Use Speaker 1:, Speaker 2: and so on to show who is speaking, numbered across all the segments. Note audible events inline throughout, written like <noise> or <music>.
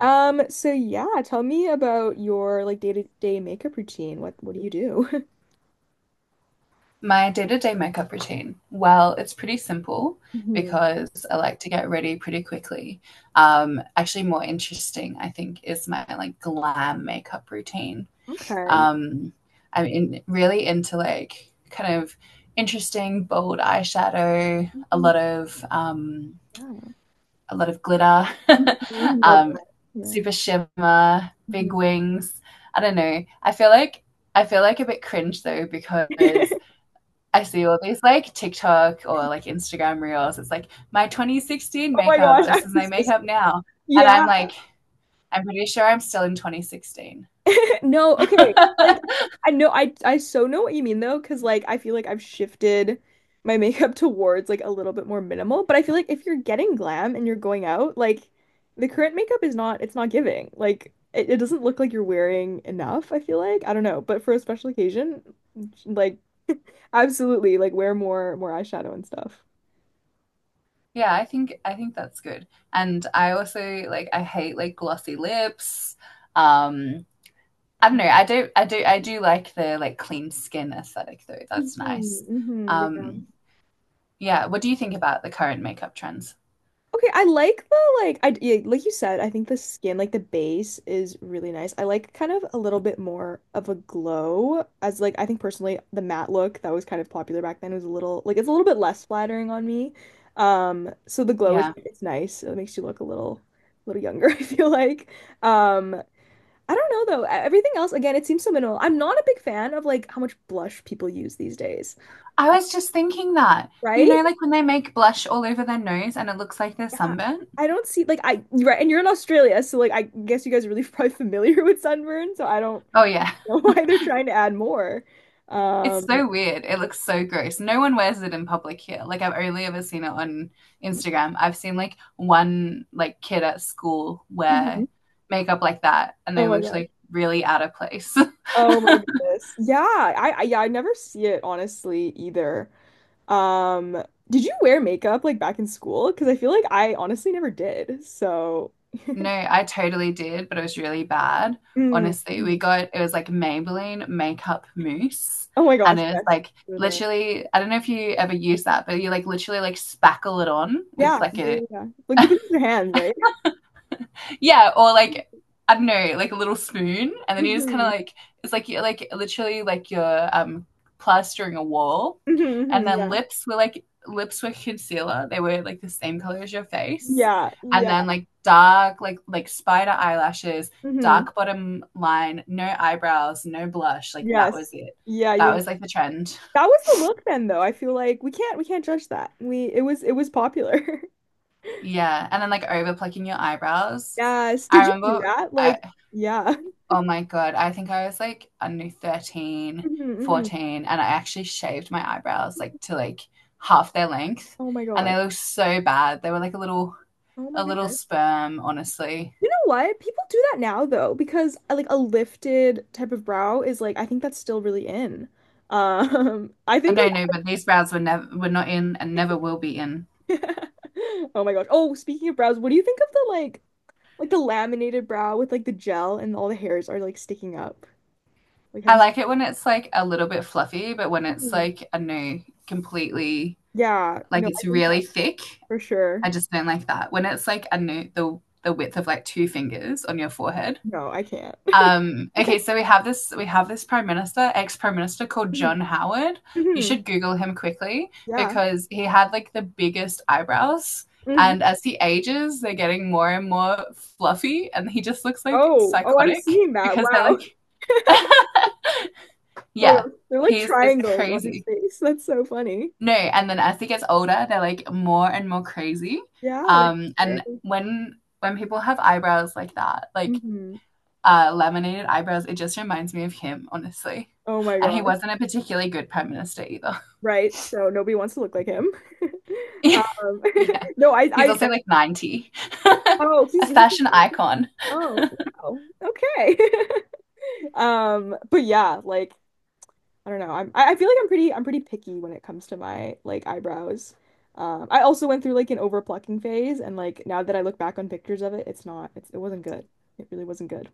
Speaker 1: So yeah, tell me about your, like, day-to-day makeup routine. What do you do?
Speaker 2: My day to day makeup routine. Well, it's pretty simple
Speaker 1: <laughs> Hmm.
Speaker 2: because I like to get ready pretty quickly. Actually, more interesting, I think, is my like glam makeup routine.
Speaker 1: Okay.
Speaker 2: Um, I'm really into like kind of interesting bold eyeshadow, a
Speaker 1: Mhm.
Speaker 2: lot of um,
Speaker 1: Yeah.
Speaker 2: a lot of glitter, <laughs>
Speaker 1: Mhm. Love
Speaker 2: um,
Speaker 1: that. Yeah.
Speaker 2: super shimmer,
Speaker 1: Mhm.
Speaker 2: big wings. I don't know. I feel like a bit cringe though because
Speaker 1: <laughs>
Speaker 2: I see all these like TikTok or like Instagram reels. It's like my 2016
Speaker 1: Oh my
Speaker 2: makeup
Speaker 1: gosh, <laughs> I
Speaker 2: versus my
Speaker 1: was just,
Speaker 2: makeup now. And
Speaker 1: yeah.
Speaker 2: I'm like, I'm pretty sure I'm still in 2016.
Speaker 1: No, okay.
Speaker 2: <laughs>
Speaker 1: Like, I know I so know what you mean though, because, like, I feel like I've shifted my <laughs> makeup towards like a little bit more minimal. But I feel like if you're getting glam and you're going out, like, the current makeup is not it's not giving. Like, it doesn't look like you're wearing enough, I feel like. I don't know. But for a special occasion, like, absolutely, like, wear more eyeshadow and stuff.
Speaker 2: Yeah, I think that's good. And I also like I hate like glossy lips. Um I don't know. I do like the like clean skin aesthetic though. That's nice.
Speaker 1: Hmm, hmm, yeah.
Speaker 2: Um yeah, what do you think about the current makeup trends?
Speaker 1: Okay, I like the, like, I, yeah, like you said, I think the skin, like, the base is really nice. I like kind of a little bit more of a glow, as like I think personally the matte look that was kind of popular back then was a little like it's a little bit less flattering on me. So the glow is,
Speaker 2: Yeah.
Speaker 1: like, it's nice. It makes you look a little younger, <laughs> I feel like. Um I don't know though. Everything else again, it seems so minimal. I'm not a big fan of like how much blush people use these days,
Speaker 2: I was just thinking that. You
Speaker 1: right?
Speaker 2: know, like when they make blush all over their nose and it looks like they're
Speaker 1: Yeah,
Speaker 2: sunburnt?
Speaker 1: I don't see, like, I, right, and you're in Australia, so, like, I guess you guys are really <laughs> probably familiar with sunburn, so I don't
Speaker 2: Oh, yeah. <laughs>
Speaker 1: know <laughs> why they're trying to add more.
Speaker 2: It's
Speaker 1: Um,
Speaker 2: so weird. It looks so gross. No one wears it in public here. Like I've only ever seen it on Instagram. I've seen like one like kid at school
Speaker 1: Mhm.
Speaker 2: wear makeup like that and
Speaker 1: Oh
Speaker 2: they
Speaker 1: my
Speaker 2: looked
Speaker 1: gosh,
Speaker 2: like really out of place.
Speaker 1: oh my
Speaker 2: <laughs>
Speaker 1: goodness, yeah, I yeah, I never see it honestly, either. Um, did you wear makeup, like, back in school? Because I feel like I honestly never did. So,
Speaker 2: No, I totally did, but it was really bad.
Speaker 1: mm,
Speaker 2: Honestly, we
Speaker 1: mhm.
Speaker 2: got it was like Maybelline makeup mousse,
Speaker 1: Oh my
Speaker 2: and
Speaker 1: gosh,
Speaker 2: it was
Speaker 1: yes.
Speaker 2: like
Speaker 1: You're the-
Speaker 2: literally, I don't know if you ever use that, but you like literally like spackle it on with
Speaker 1: yeah,
Speaker 2: like
Speaker 1: yeah,
Speaker 2: a
Speaker 1: yeah, yeah. Like, people use their hands, right?
Speaker 2: yeah, or like I don't know, like a little spoon, and then you just kind
Speaker 1: Hmm,
Speaker 2: of like it's like you're like literally like you're plastering a wall,
Speaker 1: hmm,
Speaker 2: and
Speaker 1: hmm,
Speaker 2: then
Speaker 1: yeah,
Speaker 2: lips were like lips were concealer. They were like the same color as your face,
Speaker 1: yeah,
Speaker 2: and
Speaker 1: yeah.
Speaker 2: then like dark like spider eyelashes,
Speaker 1: Mhm.
Speaker 2: dark bottom line, no eyebrows, no blush. Like that was
Speaker 1: Yes.
Speaker 2: it.
Speaker 1: Yeah, yeah,
Speaker 2: That
Speaker 1: yeah.
Speaker 2: was like the trend. <laughs>
Speaker 1: That was the look then though. I feel like we can't judge that. We it was popular. <laughs>
Speaker 2: Yeah, and then like over plucking your eyebrows.
Speaker 1: Yes.
Speaker 2: I
Speaker 1: Did you do
Speaker 2: remember
Speaker 1: that?
Speaker 2: I
Speaker 1: Like, yeah. <laughs>
Speaker 2: Oh my God. I think I was like, I don't know, 13,
Speaker 1: Mhm, mhm.
Speaker 2: 14, and I actually shaved my eyebrows like to like half their length.
Speaker 1: Oh my
Speaker 2: And
Speaker 1: God.
Speaker 2: they looked so bad. They were like a little
Speaker 1: Oh my
Speaker 2: a little
Speaker 1: goodness.
Speaker 2: sperm, honestly.
Speaker 1: You know what? People do that now though, because like a lifted type of brow is, like, I think that's still really in. <laughs> I
Speaker 2: Oh,
Speaker 1: think,
Speaker 2: no, no, but these brows were never were not in and never will be in.
Speaker 1: like, <laughs> Oh my gosh. Oh, speaking of brows, what do you think of the, like the laminated brow with, like, the gel and all the hairs are like sticking up? Like, have
Speaker 2: I
Speaker 1: you...
Speaker 2: like it when it's like a little bit fluffy, but when it's
Speaker 1: Mhm.
Speaker 2: like I don't know, completely
Speaker 1: Yeah,
Speaker 2: like
Speaker 1: no,
Speaker 2: it's
Speaker 1: I think
Speaker 2: really thick,
Speaker 1: for sure.
Speaker 2: I just don't like that. When it's like I don't know, the width of like two fingers on your forehead.
Speaker 1: No, I can't. <laughs>
Speaker 2: Okay, so we have this prime minister, ex prime minister called
Speaker 1: Mhm.
Speaker 2: John Howard. You
Speaker 1: Mhm.
Speaker 2: should Google him quickly
Speaker 1: Yeah.
Speaker 2: because he had like the biggest eyebrows,
Speaker 1: Mhm.
Speaker 2: and as he ages, they're getting more and more fluffy, and he just looks like
Speaker 1: Oh, oh, I'm
Speaker 2: psychotic
Speaker 1: seeing that.
Speaker 2: because they're
Speaker 1: Wow. <laughs>
Speaker 2: like, <laughs>
Speaker 1: Oh, my
Speaker 2: yeah,
Speaker 1: gosh. They're like
Speaker 2: he's it's
Speaker 1: triangles on his
Speaker 2: crazy.
Speaker 1: face. That's so funny.
Speaker 2: No, and then as he gets older, they're like more and more crazy.
Speaker 1: Yeah, that's
Speaker 2: And
Speaker 1: great.
Speaker 2: when people have eyebrows like that, like
Speaker 1: Hmm.
Speaker 2: laminated eyebrows. It just reminds me of him, honestly.
Speaker 1: Oh my
Speaker 2: And he
Speaker 1: gosh.
Speaker 2: wasn't a particularly good prime minister either.
Speaker 1: Right. So nobody wants to look like him. <laughs>
Speaker 2: <laughs> Yeah.
Speaker 1: Um,
Speaker 2: Yeah.
Speaker 1: <laughs> no, I,
Speaker 2: He's
Speaker 1: I,
Speaker 2: also like 90. <laughs>
Speaker 1: oh,
Speaker 2: A
Speaker 1: he's,
Speaker 2: fashion icon.
Speaker 1: oh, wow. Okay. <laughs> But yeah, like, I don't know. I feel like I'm pretty picky when it comes to my, like, eyebrows. I also went through like an over plucking phase, and, like, now that I look back on pictures of it, it's not, it's, it wasn't good. It really wasn't good.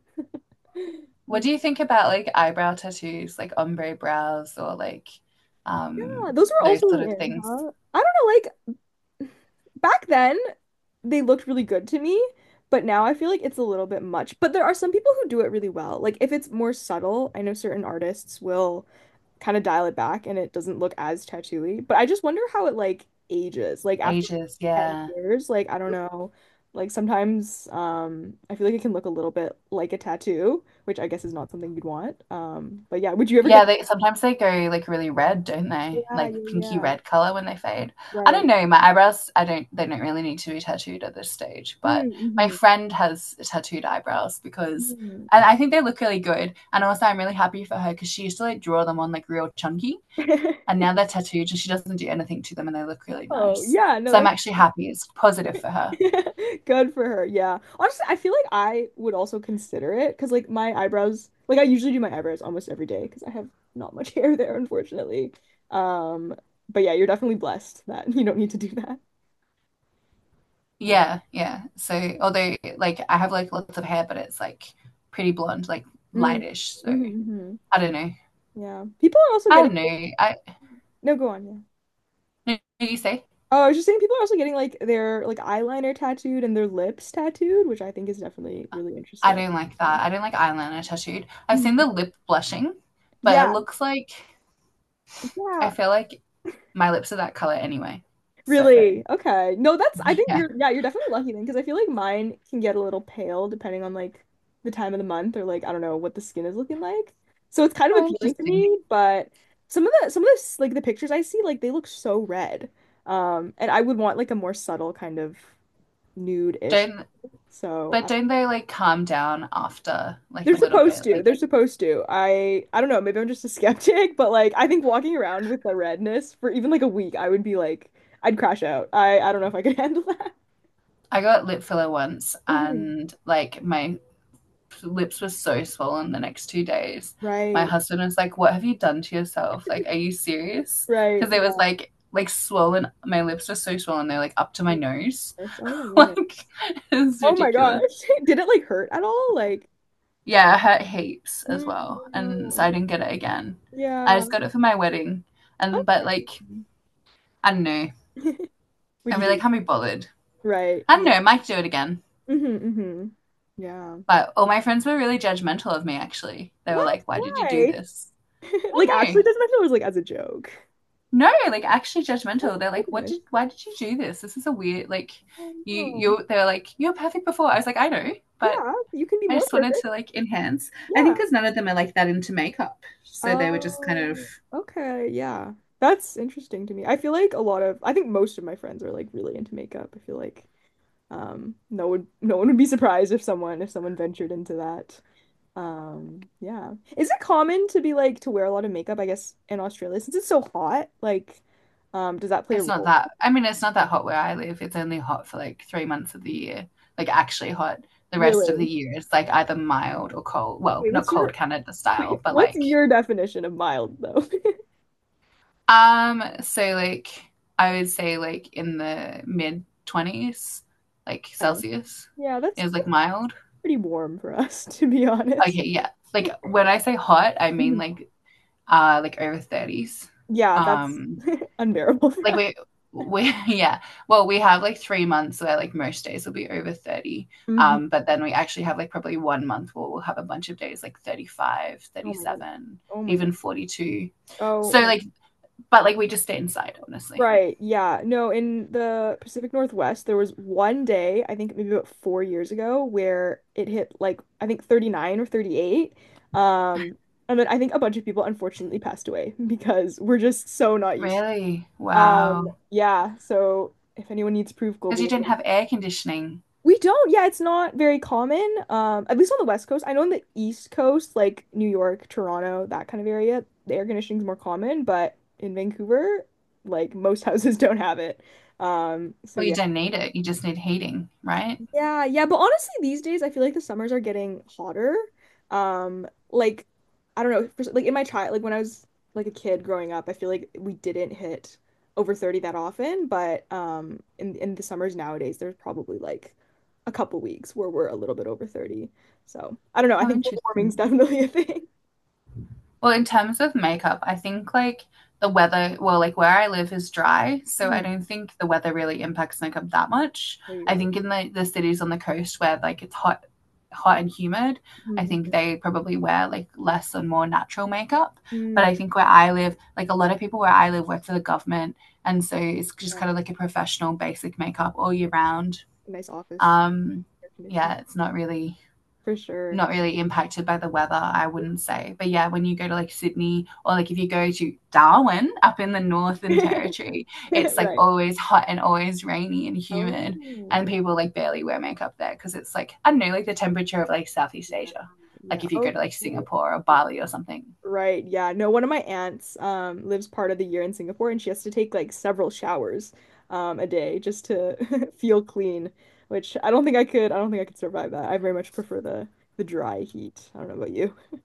Speaker 2: What
Speaker 1: Mm.
Speaker 2: do you think about like eyebrow tattoos, like ombre brows or like
Speaker 1: Yeah, those were
Speaker 2: those
Speaker 1: also
Speaker 2: sort
Speaker 1: really
Speaker 2: of
Speaker 1: in,
Speaker 2: things?
Speaker 1: huh? I don't know, like, back then they looked really good to me, but now I feel like it's a little bit much. But there are some people who do it really well. Like, if it's more subtle, I know certain artists will kind of dial it back and it doesn't look as tattooy. But I just wonder how it, like, ages. Like, after
Speaker 2: Ages,
Speaker 1: like 10
Speaker 2: yeah.
Speaker 1: years, like, I don't know. Like, sometimes I feel like it can look a little bit like a tattoo, which I guess is not something you'd want. But yeah, would you ever get?
Speaker 2: Yeah, they sometimes they go like really red, don't they?
Speaker 1: Yeah,
Speaker 2: Like
Speaker 1: yeah,
Speaker 2: pinky
Speaker 1: yeah.
Speaker 2: red color when they fade. I don't
Speaker 1: Right.
Speaker 2: know. My eyebrows, I don't. They don't really need to be tattooed at this stage. But my
Speaker 1: Mm,
Speaker 2: friend has tattooed eyebrows because,
Speaker 1: mm-hmm.
Speaker 2: and I think they look really good. And also, I'm really happy for her because she used to like draw them on like real chunky, and
Speaker 1: <laughs>
Speaker 2: now they're tattooed, and she doesn't do anything to them, and they look really
Speaker 1: Oh,
Speaker 2: nice.
Speaker 1: yeah, no,
Speaker 2: So I'm
Speaker 1: that's
Speaker 2: actually happy. It's positive for her.
Speaker 1: <laughs> good for her. Yeah. Honestly, I feel like I would also consider it because, like, my eyebrows, like, I usually do my eyebrows almost every day because I have not much <laughs> hair there, unfortunately. Um, but yeah, you're definitely blessed that <laughs> you don't need to do that. Oh.
Speaker 2: Yeah, yeah. So although like I have like lots of hair, but it's like pretty blonde, like
Speaker 1: Mm.
Speaker 2: lightish. So
Speaker 1: Hmm.
Speaker 2: I don't know.
Speaker 1: Yeah. People are also
Speaker 2: I
Speaker 1: getting,
Speaker 2: don't know. I
Speaker 1: no, go on. Yeah.
Speaker 2: No, no, you say.
Speaker 1: Oh, I was just saying people are also getting, like, their, like, eyeliner tattooed and their lips tattooed, which I think is definitely really
Speaker 2: I
Speaker 1: interesting.
Speaker 2: don't like that.
Speaker 1: So-
Speaker 2: I don't like eyeliner tattooed. I've seen
Speaker 1: Mhm.
Speaker 2: the lip blushing, but it
Speaker 1: Yeah.
Speaker 2: looks like
Speaker 1: Yeah.
Speaker 2: I feel like my lips are that color anyway. So
Speaker 1: Really? Okay. No, that's, I think
Speaker 2: yeah,
Speaker 1: you're, yeah, you're definitely lucky then because I feel like mine can get a little pale depending on, like, the time of the month, or, like, I don't know what the skin is looking like. So it's kind of
Speaker 2: oh,
Speaker 1: appealing to
Speaker 2: interesting.
Speaker 1: me, but some of this, like, the pictures I see, like, they look so red. And I would want, like, a more subtle kind of nude-ish.
Speaker 2: Don't
Speaker 1: So
Speaker 2: But
Speaker 1: I-
Speaker 2: don't they like calm down after like
Speaker 1: they're
Speaker 2: a little
Speaker 1: supposed
Speaker 2: bit?
Speaker 1: to. They're
Speaker 2: Like
Speaker 1: supposed to. I don't know, maybe I'm just a <laughs> skeptic, but, like, I think walking around with the redness for even, like, a week, I would be like I'd crash out. I don't know if I could <laughs> handle that.
Speaker 2: I got lip filler once,
Speaker 1: Mhm.
Speaker 2: and like my lips were so swollen the next 2 days. My
Speaker 1: Right,
Speaker 2: husband was like, "What have you done to yourself? Like, are you serious?"
Speaker 1: right,
Speaker 2: Because it was
Speaker 1: yeah.
Speaker 2: like swollen. My lips were so swollen; they're like up to my nose.
Speaker 1: Goodness. Oh my
Speaker 2: <laughs>
Speaker 1: goodness.
Speaker 2: Like, it was
Speaker 1: Oh my gosh.
Speaker 2: ridiculous.
Speaker 1: <laughs> Did it, like, hurt at all? Like,
Speaker 2: Yeah, it hurt heaps as
Speaker 1: mm,
Speaker 2: well, and so I
Speaker 1: no.
Speaker 2: didn't get it again. I
Speaker 1: Yeah.
Speaker 2: just got it for my wedding, and but
Speaker 1: Okay.
Speaker 2: like I don't know,
Speaker 1: <laughs>
Speaker 2: I
Speaker 1: Would you do
Speaker 2: really
Speaker 1: it?
Speaker 2: can't be bothered.
Speaker 1: Right.
Speaker 2: I don't
Speaker 1: Yeah.
Speaker 2: know, I might do it again.
Speaker 1: Hmm, hmm. Yeah.
Speaker 2: But all my friends were really judgmental of me. Actually, they were
Speaker 1: What?
Speaker 2: like, "Why did you do
Speaker 1: Why? <laughs>
Speaker 2: this?" I
Speaker 1: Like,
Speaker 2: don't
Speaker 1: actually,
Speaker 2: know.
Speaker 1: doesn't that, it was like as a joke?
Speaker 2: No, like actually
Speaker 1: Oh
Speaker 2: judgmental. They're
Speaker 1: my
Speaker 2: like, what
Speaker 1: goodness.
Speaker 2: did, why did you do this? This is a weird, like,
Speaker 1: Oh
Speaker 2: you,
Speaker 1: no.
Speaker 2: you, they're like, you're perfect before. I was like, I know, but
Speaker 1: Yeah, you can be
Speaker 2: I
Speaker 1: more
Speaker 2: just wanted to
Speaker 1: perfect.
Speaker 2: like enhance. I think
Speaker 1: Yeah.
Speaker 2: because none of them are like that into makeup. So they were just kind of,
Speaker 1: Oh, okay. Yeah. That's interesting to me. I feel like a lot of, I think most of my friends are, like, really into makeup. I feel like. No one would be surprised if someone ventured into that. Yeah. Is it common to be like to wear a lot of makeup, I guess, in Australia since it's so hot? Like, does that play a
Speaker 2: it's not
Speaker 1: role?
Speaker 2: that, I mean, it's not that hot where I live. It's only hot for like 3 months of the year, like actually hot. The rest of the
Speaker 1: Really?
Speaker 2: year, it's like either mild or cold. Well,
Speaker 1: Wait,
Speaker 2: not
Speaker 1: what's
Speaker 2: cold
Speaker 1: your
Speaker 2: Canada
Speaker 1: <laughs> wait,
Speaker 2: style, but
Speaker 1: what's
Speaker 2: like.
Speaker 1: your definition of mild though? <laughs>
Speaker 2: So like I would say like in the mid twenties, like
Speaker 1: Okay.
Speaker 2: Celsius
Speaker 1: Yeah, that's
Speaker 2: is like
Speaker 1: that's
Speaker 2: mild.
Speaker 1: pretty warm for us, <laughs> to be honest.
Speaker 2: Okay, yeah. Like when I say hot, I mean
Speaker 1: Mhm.
Speaker 2: like over thirties.
Speaker 1: Yeah, that's
Speaker 2: Um
Speaker 1: unbearable <laughs> for
Speaker 2: like
Speaker 1: us.
Speaker 2: we <laughs> yeah. Well we have like 3 months where like most days will be over 30.
Speaker 1: Mhm.
Speaker 2: But then we actually have like probably one month where we'll have a bunch of days like 35,
Speaker 1: Oh
Speaker 2: thirty
Speaker 1: my goodness.
Speaker 2: seven,
Speaker 1: Oh my
Speaker 2: even
Speaker 1: goodness.
Speaker 2: 42.
Speaker 1: Oh
Speaker 2: So
Speaker 1: my
Speaker 2: like but like we just stay inside honestly.
Speaker 1: Right, yeah. No, in the Pacific Northwest, there was one day, I think maybe about 4 years ago, where it hit like I think 39 or 38. Um, and then I think a bunch of people unfortunately passed away <laughs> because we're just so not used to it.
Speaker 2: Really?
Speaker 1: Wow.
Speaker 2: Wow.
Speaker 1: Yeah, so if anyone needs proof, global
Speaker 2: Because you didn't
Speaker 1: warming.
Speaker 2: have air conditioning.
Speaker 1: We don't. Yeah, it's not very common. At least on the West Coast. I know on the East Coast, like New York, Toronto, that kind of area, the air conditioning's more common, but in Vancouver, like, most <laughs> houses don't have it. So
Speaker 2: Well, you
Speaker 1: yeah.
Speaker 2: don't need it. You just need heating, right?
Speaker 1: Yeah, yeah, but honestly, these days I feel like the summers are getting hotter. Like, I don't know, for, like, in my child, like, when I was like a kid growing up, I feel like we didn't hit over 30 that often, but in the summers nowadays, there's probably like a couple weeks where we're a little bit over 30. So, I don't know, I
Speaker 2: How
Speaker 1: think global
Speaker 2: interesting.
Speaker 1: warming's <laughs> definitely a thing.
Speaker 2: Well, in terms of makeup, I think like the weather, well, like where I live is dry, so
Speaker 1: Mhm.
Speaker 2: I don't think the weather really impacts makeup that much.
Speaker 1: There you
Speaker 2: I
Speaker 1: go.
Speaker 2: think in the cities on the coast where like it's hot, hot and humid, I
Speaker 1: Mm,
Speaker 2: think
Speaker 1: mm,
Speaker 2: they probably wear like less and more natural makeup. But
Speaker 1: mm.
Speaker 2: I think where I live, like a lot of people where I live work for the government, and so it's just
Speaker 1: Right.
Speaker 2: kind of like a professional basic makeup all year
Speaker 1: Yeah.
Speaker 2: round.
Speaker 1: Nice office
Speaker 2: Um,
Speaker 1: air conditioning
Speaker 2: yeah, it's not really
Speaker 1: for sure.
Speaker 2: not really impacted by the weather, I wouldn't say. But yeah, when you go to like Sydney or like if you go to Darwin up in the Northern Territory,
Speaker 1: <laughs>
Speaker 2: it's like
Speaker 1: Right.
Speaker 2: always hot and always rainy and humid.
Speaker 1: Oh,
Speaker 2: And
Speaker 1: good.
Speaker 2: people like barely wear makeup there because it's like, I don't know, like the temperature of like Southeast Asia.
Speaker 1: Yeah.
Speaker 2: Like if you go to like
Speaker 1: Okay.
Speaker 2: Singapore or Bali or something.
Speaker 1: Right. Yeah. No, one of my aunts lives part of the year in Singapore and she has to take like several showers a day just to <laughs> feel clean, which I don't think I could I don't think I could survive that. I very much prefer the dry heat. I don't know about you. <laughs>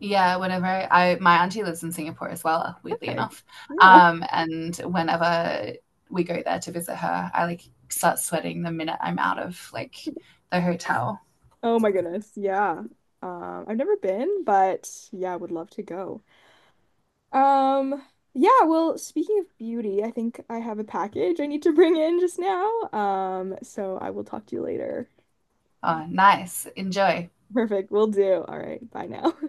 Speaker 2: Yeah, my auntie lives in Singapore as well, weirdly
Speaker 1: Okay.
Speaker 2: enough.
Speaker 1: Yeah.
Speaker 2: And whenever we go there to visit her, I like start sweating the minute I'm out of like the hotel.
Speaker 1: Oh my goodness. Yeah. I've never been, but yeah, I would love to go. Um yeah, well, speaking of beauty, I think I have a package I need to bring in just now. So I will talk to you later.
Speaker 2: Oh, nice. Enjoy.
Speaker 1: Perfect. We'll do. All right. Bye now. <laughs>